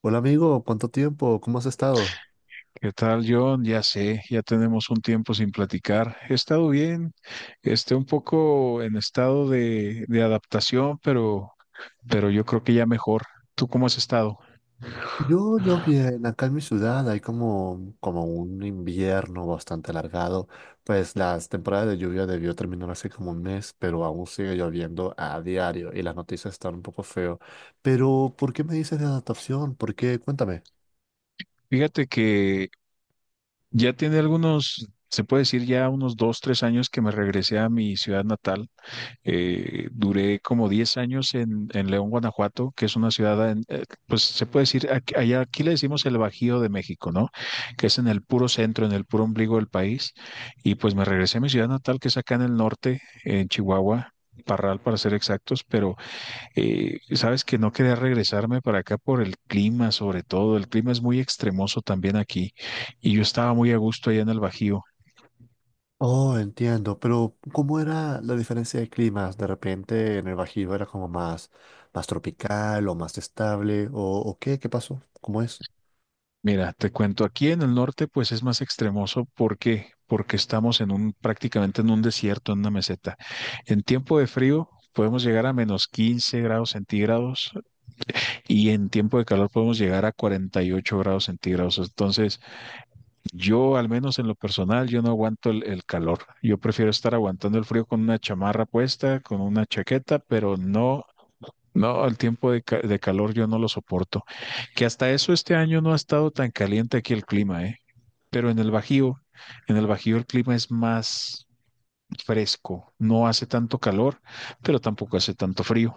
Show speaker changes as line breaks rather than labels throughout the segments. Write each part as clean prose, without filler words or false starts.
Hola amigo, ¿cuánto tiempo? ¿Cómo has estado?
¿Qué tal, John? Ya sé, ya tenemos un tiempo sin platicar. He estado bien, un poco en estado de adaptación, pero yo creo que ya mejor. ¿Tú cómo has estado?
Yo bien, acá en mi ciudad hay como un invierno bastante alargado, pues las temporadas de lluvia debió terminar hace como un mes, pero aún sigue lloviendo a diario y las noticias están un poco feo. Pero, ¿por qué me dices de adaptación? ¿Por qué? Cuéntame.
Fíjate que ya tiene algunos, se puede decir ya unos 2, 3 años que me regresé a mi ciudad natal. Duré como 10 años en León, Guanajuato, que es una ciudad, pues se puede decir, aquí, allá, aquí le decimos el Bajío de México, ¿no? Que es en el puro centro, en el puro ombligo del país. Y pues me regresé a mi ciudad natal, que es acá en el norte, en Chihuahua. Parral para ser exactos, pero sabes que no quería regresarme para acá por el clima, sobre todo. El clima es muy extremoso también aquí y yo estaba muy a gusto allá en el Bajío.
Oh, entiendo, pero ¿cómo era la diferencia de climas? De repente en el Bajío era como más, más tropical o más estable, o qué, ¿qué pasó? ¿Cómo es?
Mira, te cuento, aquí en el norte pues es más extremoso. ¿Por qué? Porque estamos prácticamente en un desierto, en una meseta. En tiempo de frío podemos llegar a menos 15 grados centígrados y en tiempo de calor podemos llegar a 48 grados centígrados. Entonces, yo al menos en lo personal, yo no aguanto el calor. Yo prefiero estar aguantando el frío con una chamarra puesta, con una chaqueta, No, el tiempo de calor yo no lo soporto. Que hasta eso este año no ha estado tan caliente aquí el clima, ¿eh? Pero en el Bajío el clima es más fresco, no hace tanto calor, pero tampoco hace tanto frío.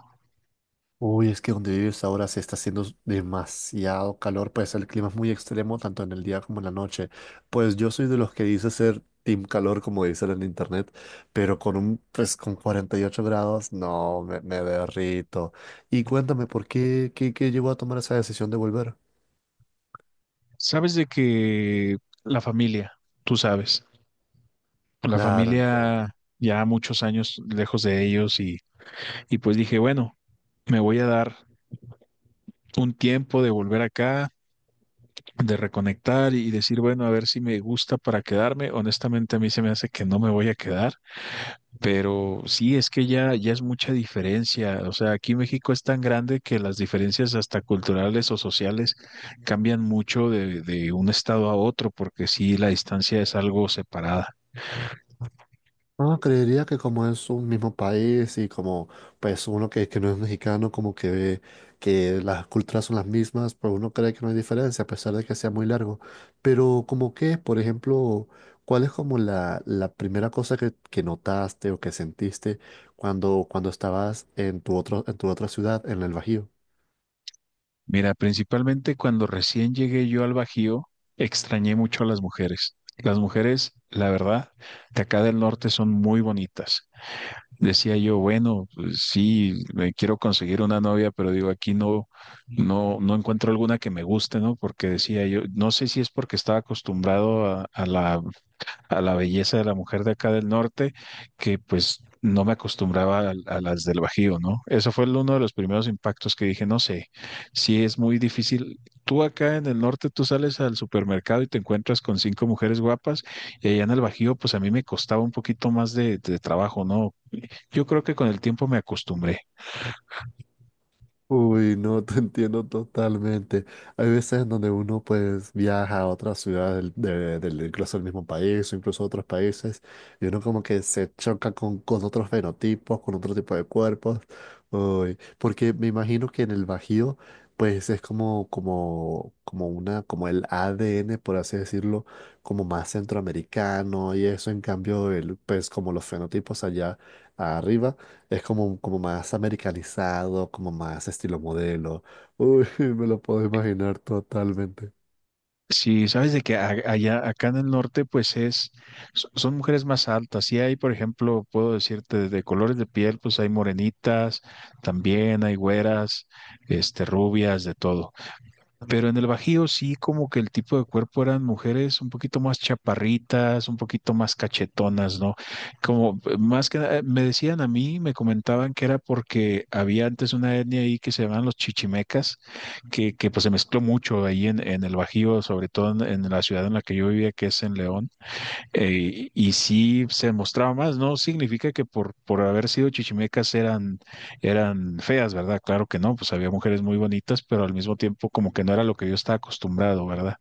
Uy, es que donde vives ahora se está haciendo demasiado calor, pues el clima es muy extremo tanto en el día como en la noche. Pues yo soy de los que dice ser team calor, como dicen en internet, pero con un, pues con 48 grados, no, me derrito. Y cuéntame, ¿por qué, qué llevó a tomar esa decisión de volver?
Sabes de que la familia, tú sabes, la
Claro, entiendo.
familia ya muchos años lejos de ellos y pues dije, bueno, me voy a dar un tiempo de volver acá, de reconectar y decir, bueno, a ver si me gusta para quedarme. Honestamente, a mí se me hace que no me voy a quedar. Pero sí, es que ya es mucha diferencia. O sea, aquí México es tan grande que las diferencias hasta culturales o sociales cambian mucho de un estado a otro, porque sí, la distancia es algo separada.
No, creería que como es un mismo país y como pues uno que no es mexicano, como que ve que las culturas son las mismas, pues uno cree que no hay diferencia a pesar de que sea muy largo. Pero como que, por ejemplo, ¿cuál es como la primera cosa que notaste o que sentiste cuando estabas en tu otro, en tu otra ciudad, en el Bajío?
Mira, principalmente cuando recién llegué yo al Bajío, extrañé mucho a las mujeres. Las mujeres, la verdad, de acá del norte son muy bonitas. Decía yo, bueno, pues sí, me quiero conseguir una novia, pero digo, aquí no, no, no encuentro alguna que me guste, ¿no? Porque decía yo, no sé si es porque estaba acostumbrado a la belleza de la mujer de acá del norte, que pues no me acostumbraba a las del Bajío, ¿no? Eso fue uno de los primeros impactos que dije, no sé, si es muy difícil. Tú acá en el norte, tú sales al supermercado y te encuentras con cinco mujeres guapas, y allá en el Bajío, pues a mí me costaba un poquito más de trabajo, ¿no? Yo creo que con el tiempo me acostumbré.
Uy, no, te entiendo totalmente. Hay veces en donde uno pues viaja a otras ciudades del incluso del mismo país o incluso a otros países y uno como que se choca con otros fenotipos, con otro tipo de cuerpos. Uy, porque me imagino que en el Bajío pues es como una, como el ADN, por así decirlo, como más centroamericano y eso en cambio el, pues como los fenotipos allá arriba es como, como más americanizado, como más estilo modelo. Uy, me lo puedo imaginar totalmente.
Sí, sabes de que allá, acá en el norte, pues son mujeres más altas. Sí hay, por ejemplo, puedo decirte de colores de piel, pues hay morenitas, también hay güeras, rubias, de todo. Pero en el Bajío sí, como que el tipo de cuerpo eran mujeres un poquito más chaparritas, un poquito más cachetonas, ¿no? Como más que nada, me decían a mí, me comentaban que era porque había antes una etnia ahí que se llamaban los chichimecas, que pues se mezcló mucho ahí en el Bajío, sobre todo en la ciudad en la que yo vivía, que es en León y sí se demostraba más, no significa que por haber sido chichimecas eran feas, ¿verdad? Claro que no, pues había mujeres muy bonitas, pero al mismo tiempo como que no era lo que yo estaba acostumbrado, ¿verdad?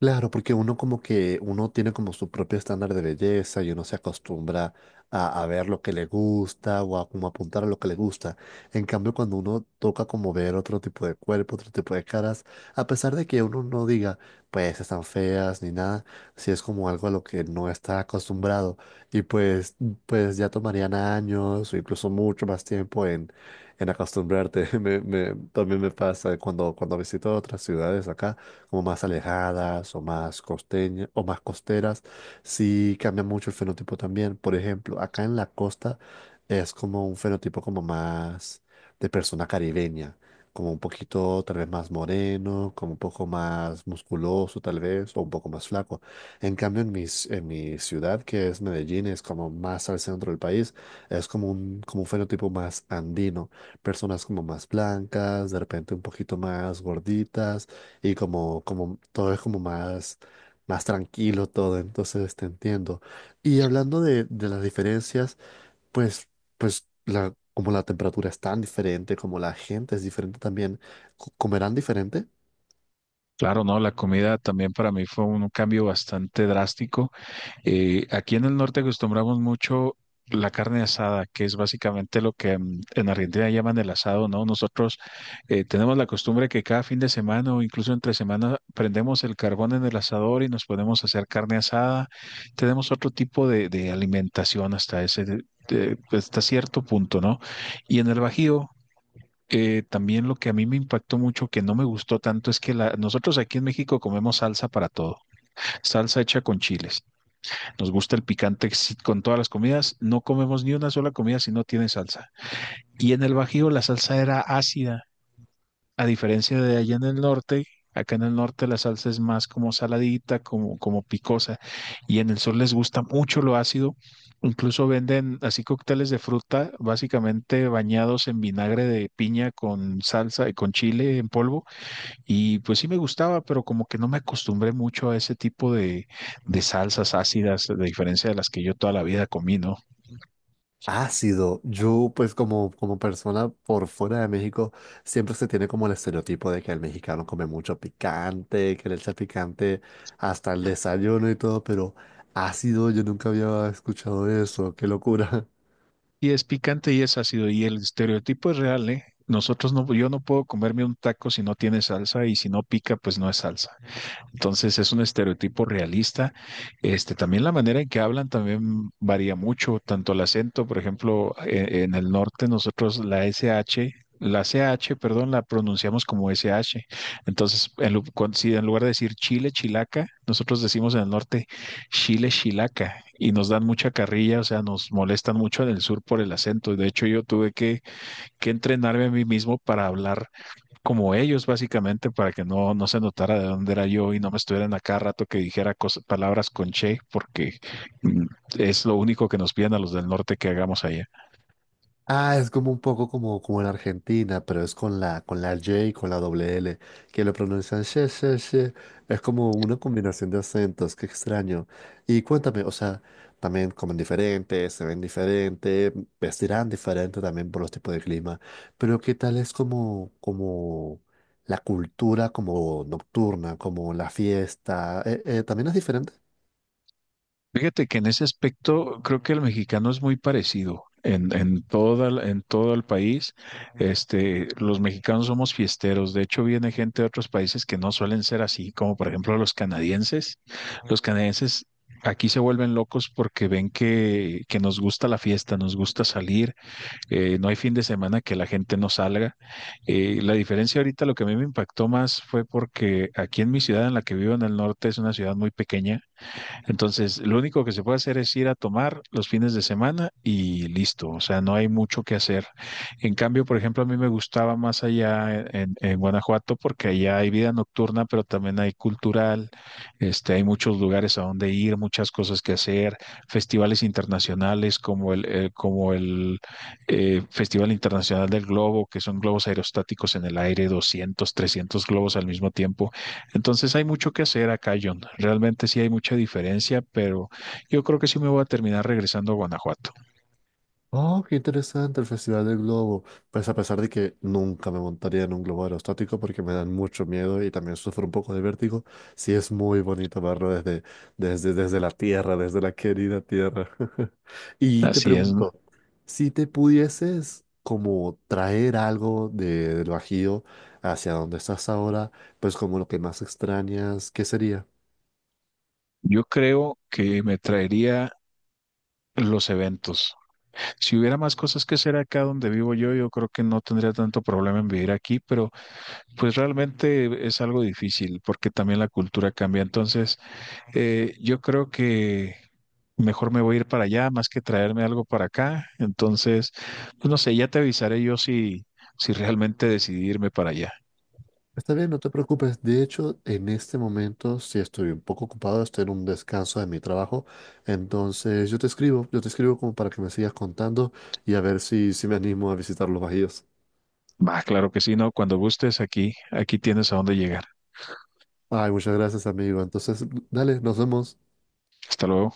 Claro, porque uno como que uno tiene como su propio estándar de belleza y uno se acostumbra a ver lo que le gusta o a como apuntar a lo que le gusta. En cambio, cuando uno toca como ver otro tipo de cuerpo, otro tipo de caras, a pesar de que uno no diga, pues están feas ni nada, si es como algo a lo que no está acostumbrado y pues, pues ya tomarían años o incluso mucho más tiempo en acostumbrarte. También me pasa cuando visito otras ciudades acá como más alejadas o más costeñas o más costeras, sí cambia mucho el fenotipo también. Por ejemplo, acá en la costa es como un fenotipo como más de persona caribeña, como un poquito tal vez más moreno, como un poco más musculoso tal vez, o un poco más flaco. En cambio, en mi ciudad, que es Medellín, es como más al centro del país, es como un fenotipo más andino, personas como más blancas, de repente un poquito más gorditas y como, como todo es como más, más tranquilo todo, entonces te entiendo. Y hablando de las diferencias, pues, pues la, como la temperatura es tan diferente, como la gente es diferente también, ¿comerán diferente?
Claro, no, la comida también para mí fue un cambio bastante drástico. Aquí en el norte acostumbramos mucho la carne asada, que es básicamente lo que en Argentina llaman el asado, ¿no? Nosotros tenemos la costumbre que cada fin de semana o incluso entre semana prendemos el carbón en el asador y nos podemos hacer carne asada. Tenemos otro tipo de alimentación hasta ese, de- hasta cierto punto, ¿no? Y en el Bajío, también lo que a mí me impactó mucho, que no me gustó tanto, es que nosotros aquí en México comemos salsa para todo, salsa hecha con chiles. Nos gusta el picante sí, con todas las comidas. No comemos ni una sola comida si no tiene salsa. Y en el Bajío la salsa era ácida, a diferencia de allá en el norte. Acá en el norte la salsa es más como saladita, como picosa. Y en el sur les gusta mucho lo ácido. Incluso venden así cócteles de fruta, básicamente bañados en vinagre de piña con salsa y con chile en polvo y pues sí me gustaba, pero como que no me acostumbré mucho a ese tipo de salsas ácidas, de diferencia de las que yo toda la vida comí, ¿no?
Ácido. Yo, pues como, como persona por fuera de México, siempre se tiene como el estereotipo de que el mexicano come mucho picante, que le echa picante hasta el desayuno y todo, pero ácido, yo nunca había escuchado eso, qué locura.
Y es picante y es ácido, y el estereotipo es real, ¿eh? Nosotros no, yo no puedo comerme un taco si no tiene salsa, y si no pica, pues no es salsa. Entonces es un estereotipo realista. También la manera en que hablan también varía mucho, tanto el acento, por ejemplo, en el norte nosotros la SH, la CH, perdón, la pronunciamos como SH. Entonces, si en lugar de decir Chile, Chilaca, nosotros decimos en el norte Chile, Chilaca y nos dan mucha carrilla, o sea, nos molestan mucho en el sur por el acento. De hecho, yo tuve que entrenarme a mí mismo para hablar como ellos, básicamente, para que no, se notara de dónde era yo y no me estuvieran a cada rato que dijera palabras con che, porque mm, es lo único que nos piden a los del norte que hagamos allá.
Ah, es como un poco como, como en Argentina, pero es con la J y con la doble L, que lo pronuncian she, she, she. Es como una combinación de acentos, qué extraño. Y cuéntame, o sea, también comen diferente, se ven diferente, vestirán diferente también por los tipos de clima, pero ¿qué tal es como la cultura como nocturna, como la fiesta? ¿También es diferente?
Fíjate que en ese aspecto creo que el mexicano es muy parecido. En todo el país, los mexicanos somos fiesteros. De hecho, viene gente de otros países que no suelen ser así, como por ejemplo los canadienses. Los canadienses aquí se vuelven locos porque ven que nos gusta la fiesta, nos gusta salir, no hay fin de semana que la gente no salga. La diferencia ahorita, lo que a mí me impactó más fue porque aquí en mi ciudad, en la que vivo en el norte, es una ciudad muy pequeña entonces, lo único que se puede hacer es ir a tomar los fines de semana y listo, o sea, no hay mucho que hacer. En cambio, por ejemplo, a mí me gustaba más allá en Guanajuato porque allá hay vida nocturna, pero también hay cultural, hay muchos lugares a donde ir, muchas cosas que hacer, festivales internacionales como el Festival Internacional del Globo, que son globos aerostáticos en el aire, 200, 300 globos al mismo tiempo. Entonces hay mucho que hacer acá, John. Realmente sí hay mucha diferencia, pero yo creo que sí me voy a terminar regresando a Guanajuato.
Oh, qué interesante el Festival del Globo. Pues a pesar de que nunca me montaría en un globo aerostático porque me dan mucho miedo y también sufro un poco de vértigo, sí es muy bonito verlo desde la tierra, desde la querida tierra. Y te
Así es, ¿no?
pregunto, si te pudieses como traer algo de, del Bajío hacia donde estás ahora, pues como lo que más extrañas, ¿qué sería?
Yo creo que me traería los eventos. Si hubiera más cosas que hacer acá donde vivo yo, yo creo que no tendría tanto problema en vivir aquí, pero pues realmente es algo difícil porque también la cultura cambia. Entonces, yo creo que mejor me voy a ir para allá más que traerme algo para acá. Entonces, pues no sé, ya te avisaré yo si realmente decidí irme para allá.
Está bien, no te preocupes. De hecho, en este momento sí estoy un poco ocupado, estoy en un descanso de mi trabajo. Entonces yo te escribo como para que me sigas contando y a ver si, si me animo a visitar los bajíos.
Va, claro que sí, ¿no? Cuando gustes, aquí tienes a dónde llegar.
Ay, muchas gracias, amigo. Entonces, dale, nos vemos.
Hasta luego.